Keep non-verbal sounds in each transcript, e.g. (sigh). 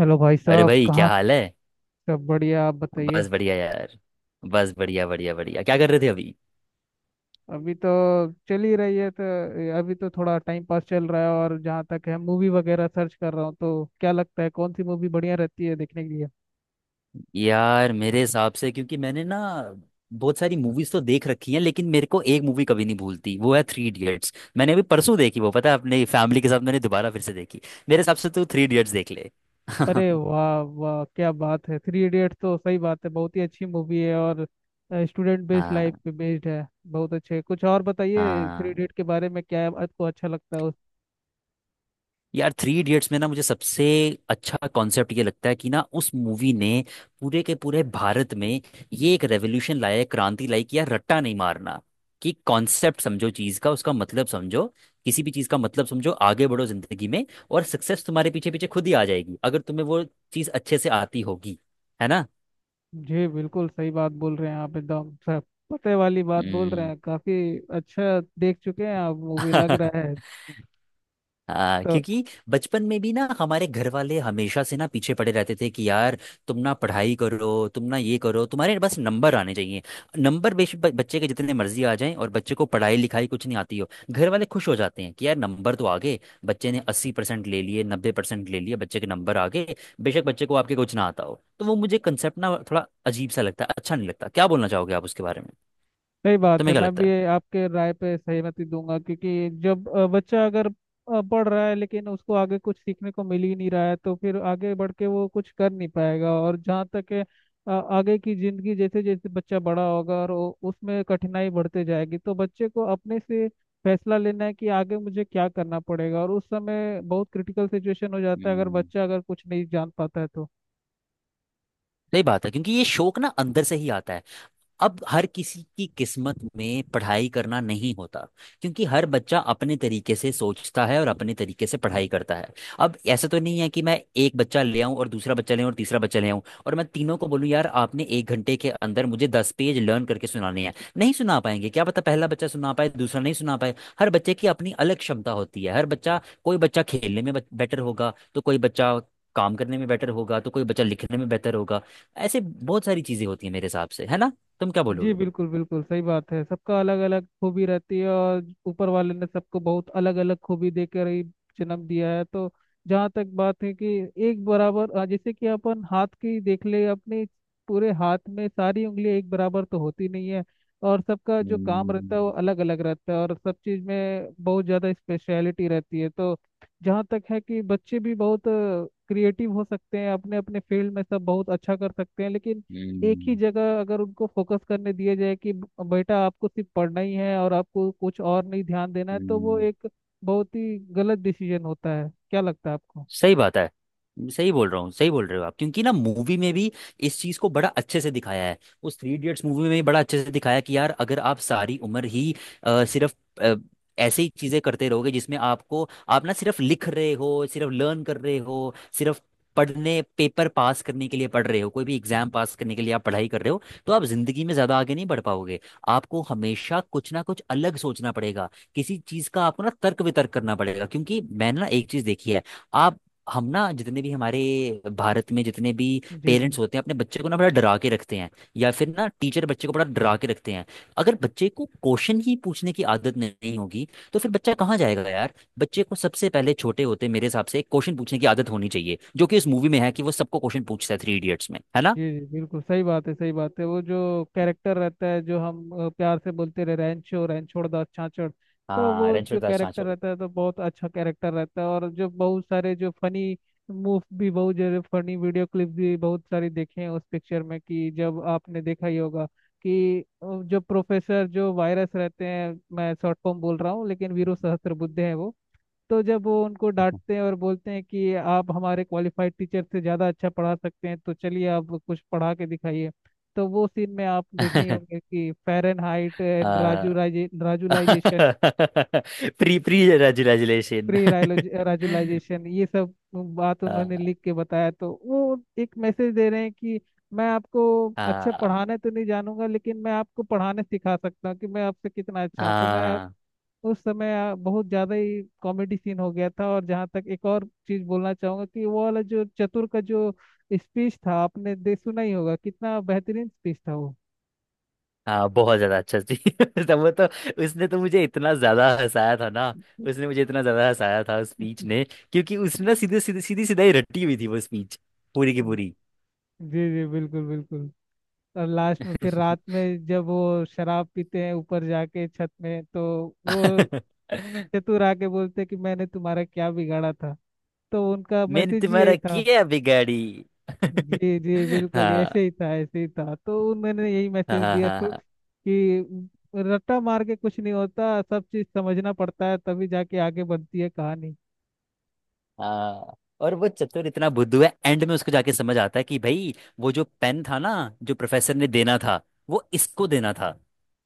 Hello भाई अरे साहब भाई, कहाँ। क्या हाल है? सब बढ़िया, आप बताइए। बस बढ़िया यार। बस बढ़िया बढ़िया बढ़िया। क्या कर रहे थे अभी? अभी तो चल ही रही है तो अभी तो थोड़ा टाइम पास चल रहा है, और जहाँ तक है मूवी वगैरह सर्च कर रहा हूँ, तो क्या लगता है कौन सी मूवी बढ़िया रहती है देखने के लिए। यार मेरे हिसाब से, क्योंकि मैंने ना बहुत सारी मूवीज तो देख रखी हैं, लेकिन मेरे को एक मूवी कभी नहीं भूलती, वो है थ्री इडियट्स। मैंने अभी परसों देखी वो, पता है, अपनी फैमिली के साथ मैंने दोबारा फिर से देखी। मेरे हिसाब से तो थ्री इडियट्स देख ले। (laughs) अरे वाह वाह, क्या बात है, थ्री इडियट्स तो सही बात है, बहुत ही अच्छी मूवी है। और स्टूडेंट बेस्ड, हाँ। लाइफ पे बेस्ड है, बहुत अच्छे। कुछ और बताइए थ्री हाँ। इडियट के बारे में, क्या आपको अच्छा लगता है। यार थ्री इडियट्स में ना मुझे सबसे अच्छा कॉन्सेप्ट ये लगता है कि ना उस मूवी ने पूरे के पूरे भारत में ये एक रेवोल्यूशन लाया है, क्रांति लाई कि यार रट्टा नहीं मारना, कि कॉन्सेप्ट समझो चीज का, उसका मतलब समझो, किसी भी चीज का मतलब समझो, आगे बढ़ो जिंदगी में, और सक्सेस तुम्हारे पीछे पीछे खुद ही आ जाएगी अगर तुम्हें वो चीज अच्छे से आती होगी। है ना? जी बिल्कुल सही बात बोल रहे हैं आप, एकदम सब पते वाली बात बोल रहे हम्म। हैं। काफी अच्छा देख चुके हैं आप मूवी, लग रहा है। (laughs) हाँ, तो क्योंकि बचपन में भी ना हमारे घर वाले हमेशा से ना पीछे पड़े रहते थे कि यार तुम ना पढ़ाई करो, तुम ना ये करो, तुम्हारे बस नंबर आने चाहिए। नंबर बेशक बच्चे के जितने मर्जी आ जाएं और बच्चे को पढ़ाई लिखाई कुछ नहीं आती हो, घर वाले खुश हो जाते हैं कि यार नंबर तो आ गए, बच्चे ने 80% ले लिए, 90% ले लिए, बच्चे के नंबर आ गए। बेशक बच्चे को आपके कुछ ना आता हो। तो वो मुझे कंसेप्ट ना थोड़ा अजीब सा लगता है, अच्छा नहीं लगता। क्या बोलना चाहोगे आप उसके बारे में? सही बात है, तुम्हें क्या मैं लगता भी है? आपके राय पे सहमति दूंगा, क्योंकि जब बच्चा अगर पढ़ रहा है लेकिन उसको आगे कुछ सीखने को मिल ही नहीं रहा है, तो फिर आगे बढ़ के वो कुछ कर नहीं पाएगा। और जहाँ तक है आगे की जिंदगी, जैसे जैसे बच्चा बड़ा होगा और उसमें कठिनाई बढ़ते जाएगी, तो बच्चे को अपने से फैसला लेना है कि आगे मुझे क्या करना पड़ेगा। और उस समय बहुत क्रिटिकल सिचुएशन हो जाता है, अगर हम्म बच्चा अगर कुछ नहीं जान पाता है तो। सही बात है, क्योंकि ये शौक ना अंदर से ही आता है। अब हर किसी की किस्मत में पढ़ाई करना नहीं होता, क्योंकि हर बच्चा अपने तरीके से सोचता है और अपने तरीके से पढ़ाई करता है। अब ऐसा तो नहीं है कि मैं एक बच्चा ले आऊं और दूसरा बच्चा ले आऊं और तीसरा बच्चा ले आऊं, और मैं तीनों को बोलूं यार आपने 1 घंटे के अंदर मुझे 10 पेज लर्न करके सुनाने हैं। नहीं सुना पाएंगे। क्या पता पहला बच्चा सुना पाए, दूसरा नहीं सुना पाए। हर बच्चे की अपनी अलग क्षमता होती है। हर बच्चा कोई बच्चा खेलने में बेटर होगा, तो कोई बच्चा काम करने में बेटर होगा, तो कोई बच्चा लिखने में बेहतर होगा। ऐसे बहुत सारी चीजें होती हैं मेरे हिसाब से। है ना? तुम क्या जी बोलोगे? बिल्कुल बिल्कुल सही बात है, सबका अलग अलग खूबी रहती है, और ऊपर वाले ने सबको बहुत अलग अलग खूबी देकर ही जन्म दिया है। तो जहाँ तक बात है कि एक बराबर, जैसे कि अपन हाथ की देख ले, अपने पूरे हाथ में सारी उंगलियां एक बराबर तो होती नहीं है। और सबका जो काम रहता है वो हम्म, अलग अलग रहता है, और सब चीज़ में बहुत ज़्यादा स्पेशलिटी रहती है। तो जहाँ तक है कि बच्चे भी बहुत क्रिएटिव हो सकते हैं, अपने अपने फील्ड में सब बहुत अच्छा कर सकते हैं। लेकिन एक ही हम्म, जगह अगर उनको फोकस करने दिया जाए कि बेटा आपको सिर्फ पढ़ना ही है और आपको कुछ और नहीं ध्यान देना है, तो वो हम्म, एक बहुत ही गलत डिसीजन होता है, क्या लगता है आपको। सही बात है। सही बोल रहे हो आप, क्योंकि ना मूवी में भी इस चीज को बड़ा अच्छे से दिखाया है। उस थ्री इडियट्स मूवी में भी बड़ा अच्छे से दिखाया कि यार अगर आप सारी उम्र ही सिर्फ अ, ऐसे ही चीजें करते रहोगे, जिसमें आपको आप ना सिर्फ लिख रहे हो, सिर्फ लर्न कर रहे हो, सिर्फ पढ़ने, पेपर पास करने के लिए पढ़ रहे हो, कोई भी एग्जाम पास करने के लिए आप पढ़ाई कर रहे हो, तो आप जिंदगी में ज्यादा आगे नहीं बढ़ पाओगे। आपको हमेशा कुछ ना कुछ अलग सोचना पड़ेगा, किसी चीज का आपको ना तर्क वितर्क करना पड़ेगा, क्योंकि मैंने ना एक चीज देखी है। आप हम ना जितने भी हमारे भारत में जितने भी जी जी। पेरेंट्स होते हैं, अपने बच्चे को ना बड़ा डरा के रखते हैं, या फिर ना टीचर बच्चे को बड़ा डरा के रखते हैं। अगर बच्चे को क्वेश्चन ही पूछने की आदत नहीं होगी, तो फिर बच्चा कहाँ जाएगा यार। बच्चे को सबसे पहले छोटे होते मेरे हिसाब से क्वेश्चन पूछने की आदत होनी चाहिए, जो कि इस मूवी में है कि वो सबको क्वेश्चन पूछता है थ्री इडियट्स में। जी है ना? जी बिल्कुल सही बात है, सही बात है। वो जो कैरेक्टर रहता है जो हम प्यार से बोलते रहे रैंचो, रैंचोड़ दास छाछड़, तो हाँ, वो रणछोड़ जो दास कैरेक्टर छाछोड़। रहता है तो बहुत अच्छा कैरेक्टर रहता है। और जो बहुत सारे जो फनी मूव भी, बहुत जरूर फनी वीडियो क्लिप भी बहुत सारी देखे हैं उस पिक्चर में कि जब आपने देखा ही होगा कि जो प्रोफेसर जो वायरस रहते हैं, मैं शॉर्ट फॉर्म बोल रहा हूँ, लेकिन वीरू सहस्त्रबुद्धे हैं वो, तो जब वो उनको डांटते हैं और बोलते हैं कि आप हमारे क्वालिफाइड टीचर से ज़्यादा अच्छा पढ़ा सकते हैं, तो चलिए आप कुछ पढ़ा के दिखाइए। तो वो सीन में आप देखे ही होंगे (laughs) कि फ़ारेनहाइट एंड आ, regularize राजुलाइजेशन, (laughs) pre pre resolution. (laughs) Pre regularization, ये सब बात हाँ। उन्होंने लिख के बताया। तो वो एक मैसेज दे रहे हैं कि मैं आपको अच्छा हाँ। पढ़ाना तो नहीं जानूंगा, लेकिन मैं आपको पढ़ाने सिखा सकता हूँ कि मैं आपसे कितना अच्छा हूँ। तो मैं, हाँ। उस समय बहुत ज्यादा ही कॉमेडी सीन हो गया था। और जहाँ तक एक और चीज बोलना चाहूंगा कि वो वाला जो चतुर का जो स्पीच था, आपने दे सुना ही होगा, कितना बेहतरीन स्पीच था वो। हाँ, बहुत ज्यादा अच्छा थी। (laughs) तो वो तो उसने तो मुझे इतना ज्यादा हंसाया था ना, उसने (laughs) मुझे इतना ज्यादा हंसाया था उस स्पीच ने, क्योंकि उसने ना सीधे सीधे सीधी सीधा ही रटी हुई थी वो स्पीच, पूरी की पूरी। जी जी बिल्कुल बिल्कुल। और लास्ट में फिर रात में जब वो शराब पीते हैं ऊपर जाके छत में, तो वो (laughs) चतुर आके बोलते हैं कि मैंने तुम्हारा क्या बिगाड़ा था। तो उनका मैंने मैसेज ही तुम्हारा यही था। किया बिगाड़ी। (laughs) जी जी बिल्कुल, ऐसे हाँ। ही था, ऐसे ही था, तो उन्होंने यही हाँ। मैसेज हाँ। दिया तो हाँ। कि रट्टा मार के कुछ नहीं होता, सब चीज समझना पड़ता है तभी जाके आगे बनती है कहानी। हाँ। और वो चतुर इतना बुद्धू है, एंड में उसको जाके समझ आता है कि भाई वो जो पेन था ना, जो प्रोफेसर ने देना था, वो इसको देना था,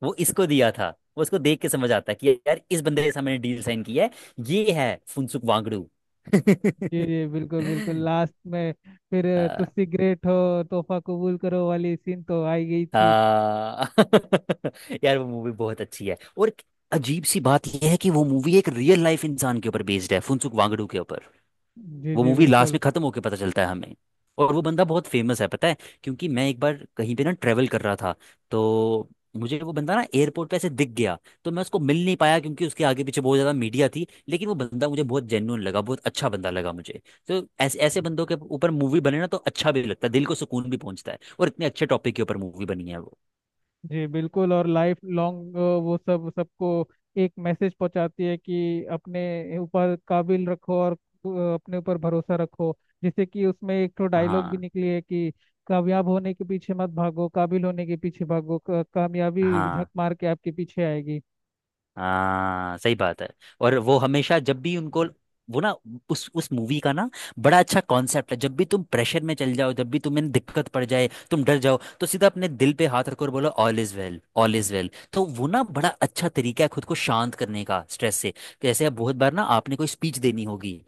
वो इसको दिया था, वो उसको देख के समझ आता है कि यार इस बंदे के सामने डील साइन की है, ये है फुनसुक वांगड़ू। जी जी बिल्कुल बिल्कुल, (laughs) लास्ट में फिर हाँ। तुस्सी ग्रेट हो, तोहफा कबूल करो वाली सीन तो आई गई थी। हाँ। (laughs) यार वो मूवी बहुत अच्छी है, और एक अजीब सी बात यह है कि वो मूवी एक रियल लाइफ इंसान के ऊपर बेस्ड है, फुनसुक वांगड़ू के। जी वो जी मूवी लास्ट बिल्कुल। में खत्म होके पता चलता है हमें। और वो बंदा बहुत फेमस है, पता है, क्योंकि मैं एक बार कहीं पे ना ट्रेवल कर रहा था, तो मुझे वो बंदा ना एयरपोर्ट पे ऐसे दिख गया। तो मैं उसको मिल नहीं पाया क्योंकि उसके आगे पीछे बहुत ज़्यादा मीडिया थी, लेकिन वो बंदा मुझे बहुत जेन्युइन लगा, बहुत अच्छा बंदा लगा मुझे। तो ऐसे ऐसे बंदों के ऊपर मूवी बने ना, तो अच्छा भी लगता है, दिल को सुकून भी पहुंचता है, और इतने अच्छे टॉपिक के ऊपर मूवी बनी है वो। जी बिल्कुल, और लाइफ लॉन्ग वो सब सबको एक मैसेज पहुंचाती है कि अपने ऊपर काबिल रखो और अपने ऊपर भरोसा रखो। जैसे कि उसमें एक तो डायलॉग भी हाँ, निकली है कि कामयाब होने के पीछे मत भागो, काबिल होने के पीछे भागो, कामयाबी झक हाँ, मार के आपके पीछे आएगी। हाँ, सही बात है। और वो हमेशा जब भी उनको वो ना उस मूवी का ना बड़ा अच्छा कॉन्सेप्ट है, जब भी तुम प्रेशर में चल जाओ, जब भी तुम्हें दिक्कत पड़ जाए, तुम डर जाओ, तो सीधा अपने दिल पे हाथ रखो और बोलो all is well, all is well. तो वो ना बड़ा अच्छा तरीका है खुद को शांत करने का स्ट्रेस से। जैसे अब बहुत बार ना आपने कोई स्पीच देनी होगी,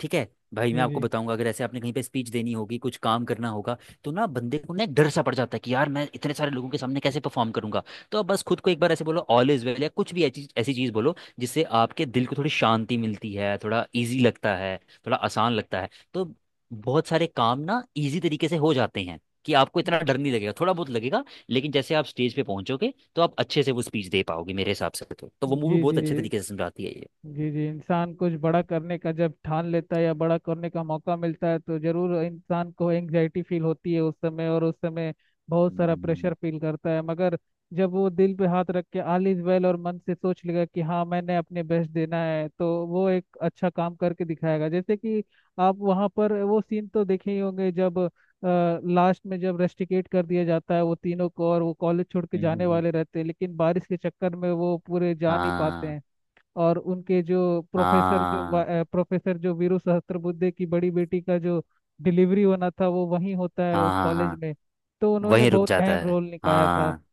ठीक है भाई, मैं जी आपको जी। बताऊंगा, अगर ऐसे आपने कहीं पे स्पीच देनी होगी, कुछ काम करना होगा, तो ना बंदे को ना एक डर सा पड़ जाता है कि यार मैं इतने सारे लोगों के सामने कैसे परफॉर्म करूंगा। तो आप बस खुद को एक बार ऐसे बोलो ऑल इज वेल, या कुछ भी ऐसी ऐसी चीज बोलो जिससे आपके दिल को थोड़ी शांति मिलती है, थोड़ा इजी लगता है, थोड़ा आसान लगता है। तो बहुत सारे काम ना इजी तरीके से हो जाते हैं, कि आपको इतना डर नहीं लगेगा, थोड़ा बहुत लगेगा, लेकिन जैसे आप स्टेज पे पहुंचोगे, तो आप अच्छे से वो स्पीच दे पाओगे मेरे हिसाब से। तो वो मूवी जी बहुत जी। अच्छे तरीके से समझाती है ये। जी जी। इंसान कुछ बड़ा करने का जब ठान लेता है या बड़ा करने का मौका मिलता है, तो जरूर इंसान को एंग्जाइटी फील होती है उस समय, और उस समय बहुत सारा हम्म, प्रेशर फील करता है। मगर जब वो दिल पे हाथ रख के ऑल इज वेल और मन से सोच लेगा कि हाँ मैंने अपने बेस्ट देना है, तो वो एक अच्छा काम करके दिखाएगा। जैसे कि आप वहाँ पर वो सीन तो देखे ही होंगे जब लास्ट में जब रेस्टिकेट कर दिया जाता है वो तीनों को, और वो कॉलेज छोड़ के हम्म, हम्म, जाने हम्म। वाले रहते हैं, लेकिन बारिश के चक्कर में वो पूरे जा नहीं पाते हाँ। हैं। और उनके जो प्रोफेसर जो हाँ। प्रोफेसर जो वीरू सहस्त्रबुद्धे की बड़ी बेटी का जो डिलीवरी होना था, वो वहीं होता है हाँ। उस हाँ। कॉलेज हाँ, में। तो उन्होंने वहीं रुक बहुत जाता अहम है। रोल निभाया था। हाँ।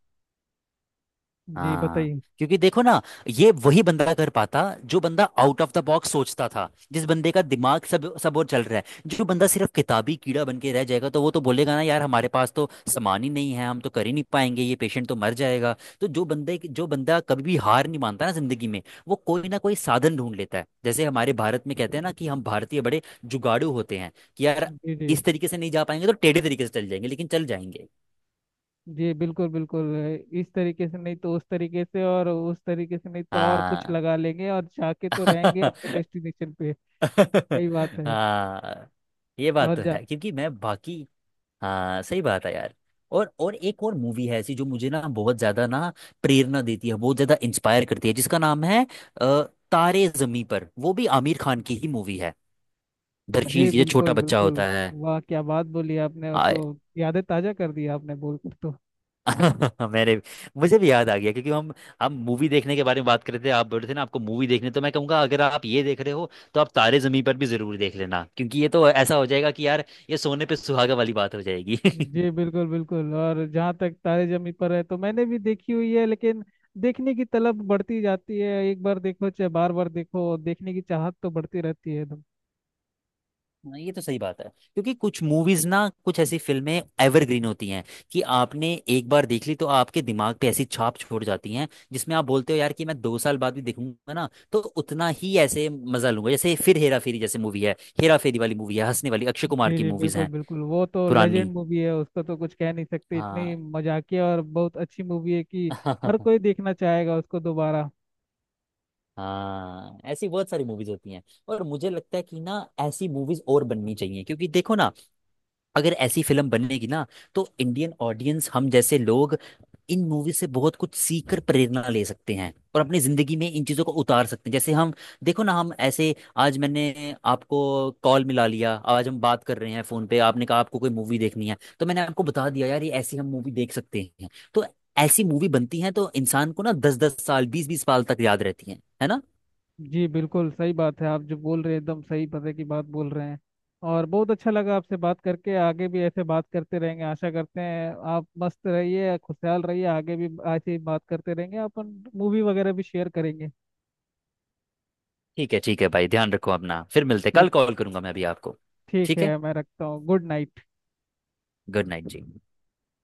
जी हाँ। बताइए। क्योंकि देखो ना, ये वही बंदा कर पाता जो बंदा आउट ऑफ द बॉक्स सोचता था, जिस बंदे का दिमाग सब सब और चल रहा है। जो बंदा सिर्फ किताबी कीड़ा बन के रह जाएगा, तो वो तो बोलेगा ना यार हमारे पास तो सामान ही नहीं है, हम तो कर ही नहीं पाएंगे, ये पेशेंट तो मर जाएगा। तो जो बंदा कभी भी हार नहीं मानता ना जिंदगी में, वो कोई ना कोई साधन ढूंढ लेता है। जैसे हमारे भारत में कहते हैं ना कि हम भारतीय बड़े जुगाड़ू होते हैं कि यार जी जी। इस तरीके से नहीं जा पाएंगे, तो टेढ़े तरीके से चल जाएंगे, लेकिन चल जाएंगे। जी बिल्कुल बिल्कुल, इस तरीके से नहीं तो उस तरीके से, और उस तरीके से नहीं तो और कुछ हाँ। लगा लेंगे, और जाके तो रहेंगे अपने (laughs) डेस्टिनेशन पे। सही (laughs) बात है। हाँ, ये बात और तो जा। है, क्योंकि मैं बाकी, हाँ सही बात है यार। और एक और मूवी है ऐसी जो मुझे ना बहुत ज्यादा ना प्रेरणा देती है, बहुत ज्यादा इंस्पायर करती है, जिसका नाम है अ, तारे जमी पर। वो भी आमिर खान की ही मूवी है, दरकील जी की जो छोटा बिल्कुल बच्चा होता बिल्कुल, वाह क्या बात बोली आपने, वो तो है। यादें ताजा कर दी आपने बोलकर तो। (laughs) मेरे मुझे भी याद आ गया, क्योंकि हम मूवी देखने के बारे में बात कर रहे थे, आप बोल रहे थे ना आपको मूवी देखने, तो मैं कहूंगा अगर आप ये देख रहे हो, तो आप तारे जमीन पर भी जरूर देख लेना, क्योंकि ये तो ऐसा हो जाएगा कि यार ये सोने पे सुहागा वाली बात हो जाएगी। (laughs) जी बिल्कुल बिल्कुल। और जहाँ तक तारे जमी पर है तो मैंने भी देखी हुई है, लेकिन देखने की तलब बढ़ती जाती है। एक बार देखो चाहे बार बार देखो, देखने की चाहत तो बढ़ती रहती है एकदम। हाँ, ये तो सही बात है, क्योंकि कुछ मूवीज ना, कुछ ऐसी फिल्में एवरग्रीन होती हैं कि आपने एक बार देख ली तो आपके दिमाग पे ऐसी छाप छोड़ जाती हैं, जिसमें आप बोलते हो यार कि मैं 2 साल बाद भी देखूंगा ना, तो उतना ही ऐसे मजा लूंगा। जैसे फिर हेरा फेरी जैसे मूवी है, हेरा फेरी वाली मूवी है, हंसने वाली, अक्षय कुमार जी की जी मूवीज बिल्कुल हैं बिल्कुल, वो तो लेजेंड पुरानी। मूवी है, उसका तो कुछ कह नहीं सकते। इतनी हाँ। मजाकिया और बहुत अच्छी मूवी है कि हर कोई (laughs) देखना चाहेगा उसको दोबारा। हाँ, ऐसी बहुत सारी मूवीज होती हैं। और मुझे लगता है कि ना ऐसी मूवीज और बननी चाहिए, क्योंकि देखो ना, अगर ऐसी फिल्म बनेगी ना, तो इंडियन ऑडियंस हम जैसे लोग इन मूवी से बहुत कुछ सीख कर प्रेरणा ले सकते हैं, और अपनी जिंदगी में इन चीजों को उतार सकते हैं। जैसे हम, देखो ना हम ऐसे, आज मैंने आपको कॉल मिला लिया, आज हम बात कर रहे हैं फोन पे, आपने कहा आपको कोई मूवी देखनी है, तो मैंने आपको बता दिया यार ये ऐसी हम मूवी देख सकते हैं। तो ऐसी मूवी बनती है, तो इंसान को ना 10 10 साल, 20 20 साल तक याद रहती है। है ना? जी बिल्कुल सही बात है, आप जो बोल रहे हैं एकदम सही पते की बात बोल रहे हैं। और बहुत अच्छा लगा आपसे बात करके, आगे भी ऐसे बात करते रहेंगे आशा करते हैं। आप मस्त रहिए, खुशहाल रहिए, आगे भी ऐसे ही बात करते रहेंगे, अपन मूवी वगैरह भी शेयर करेंगे। ठीक है, ठीक है भाई, ध्यान रखो अपना, फिर मिलते हैं। कल ठीक। कॉल करूंगा मैं अभी आपको। ठीक ठीक है। है, मैं रखता हूँ, गुड नाइट। गुड नाइट जी।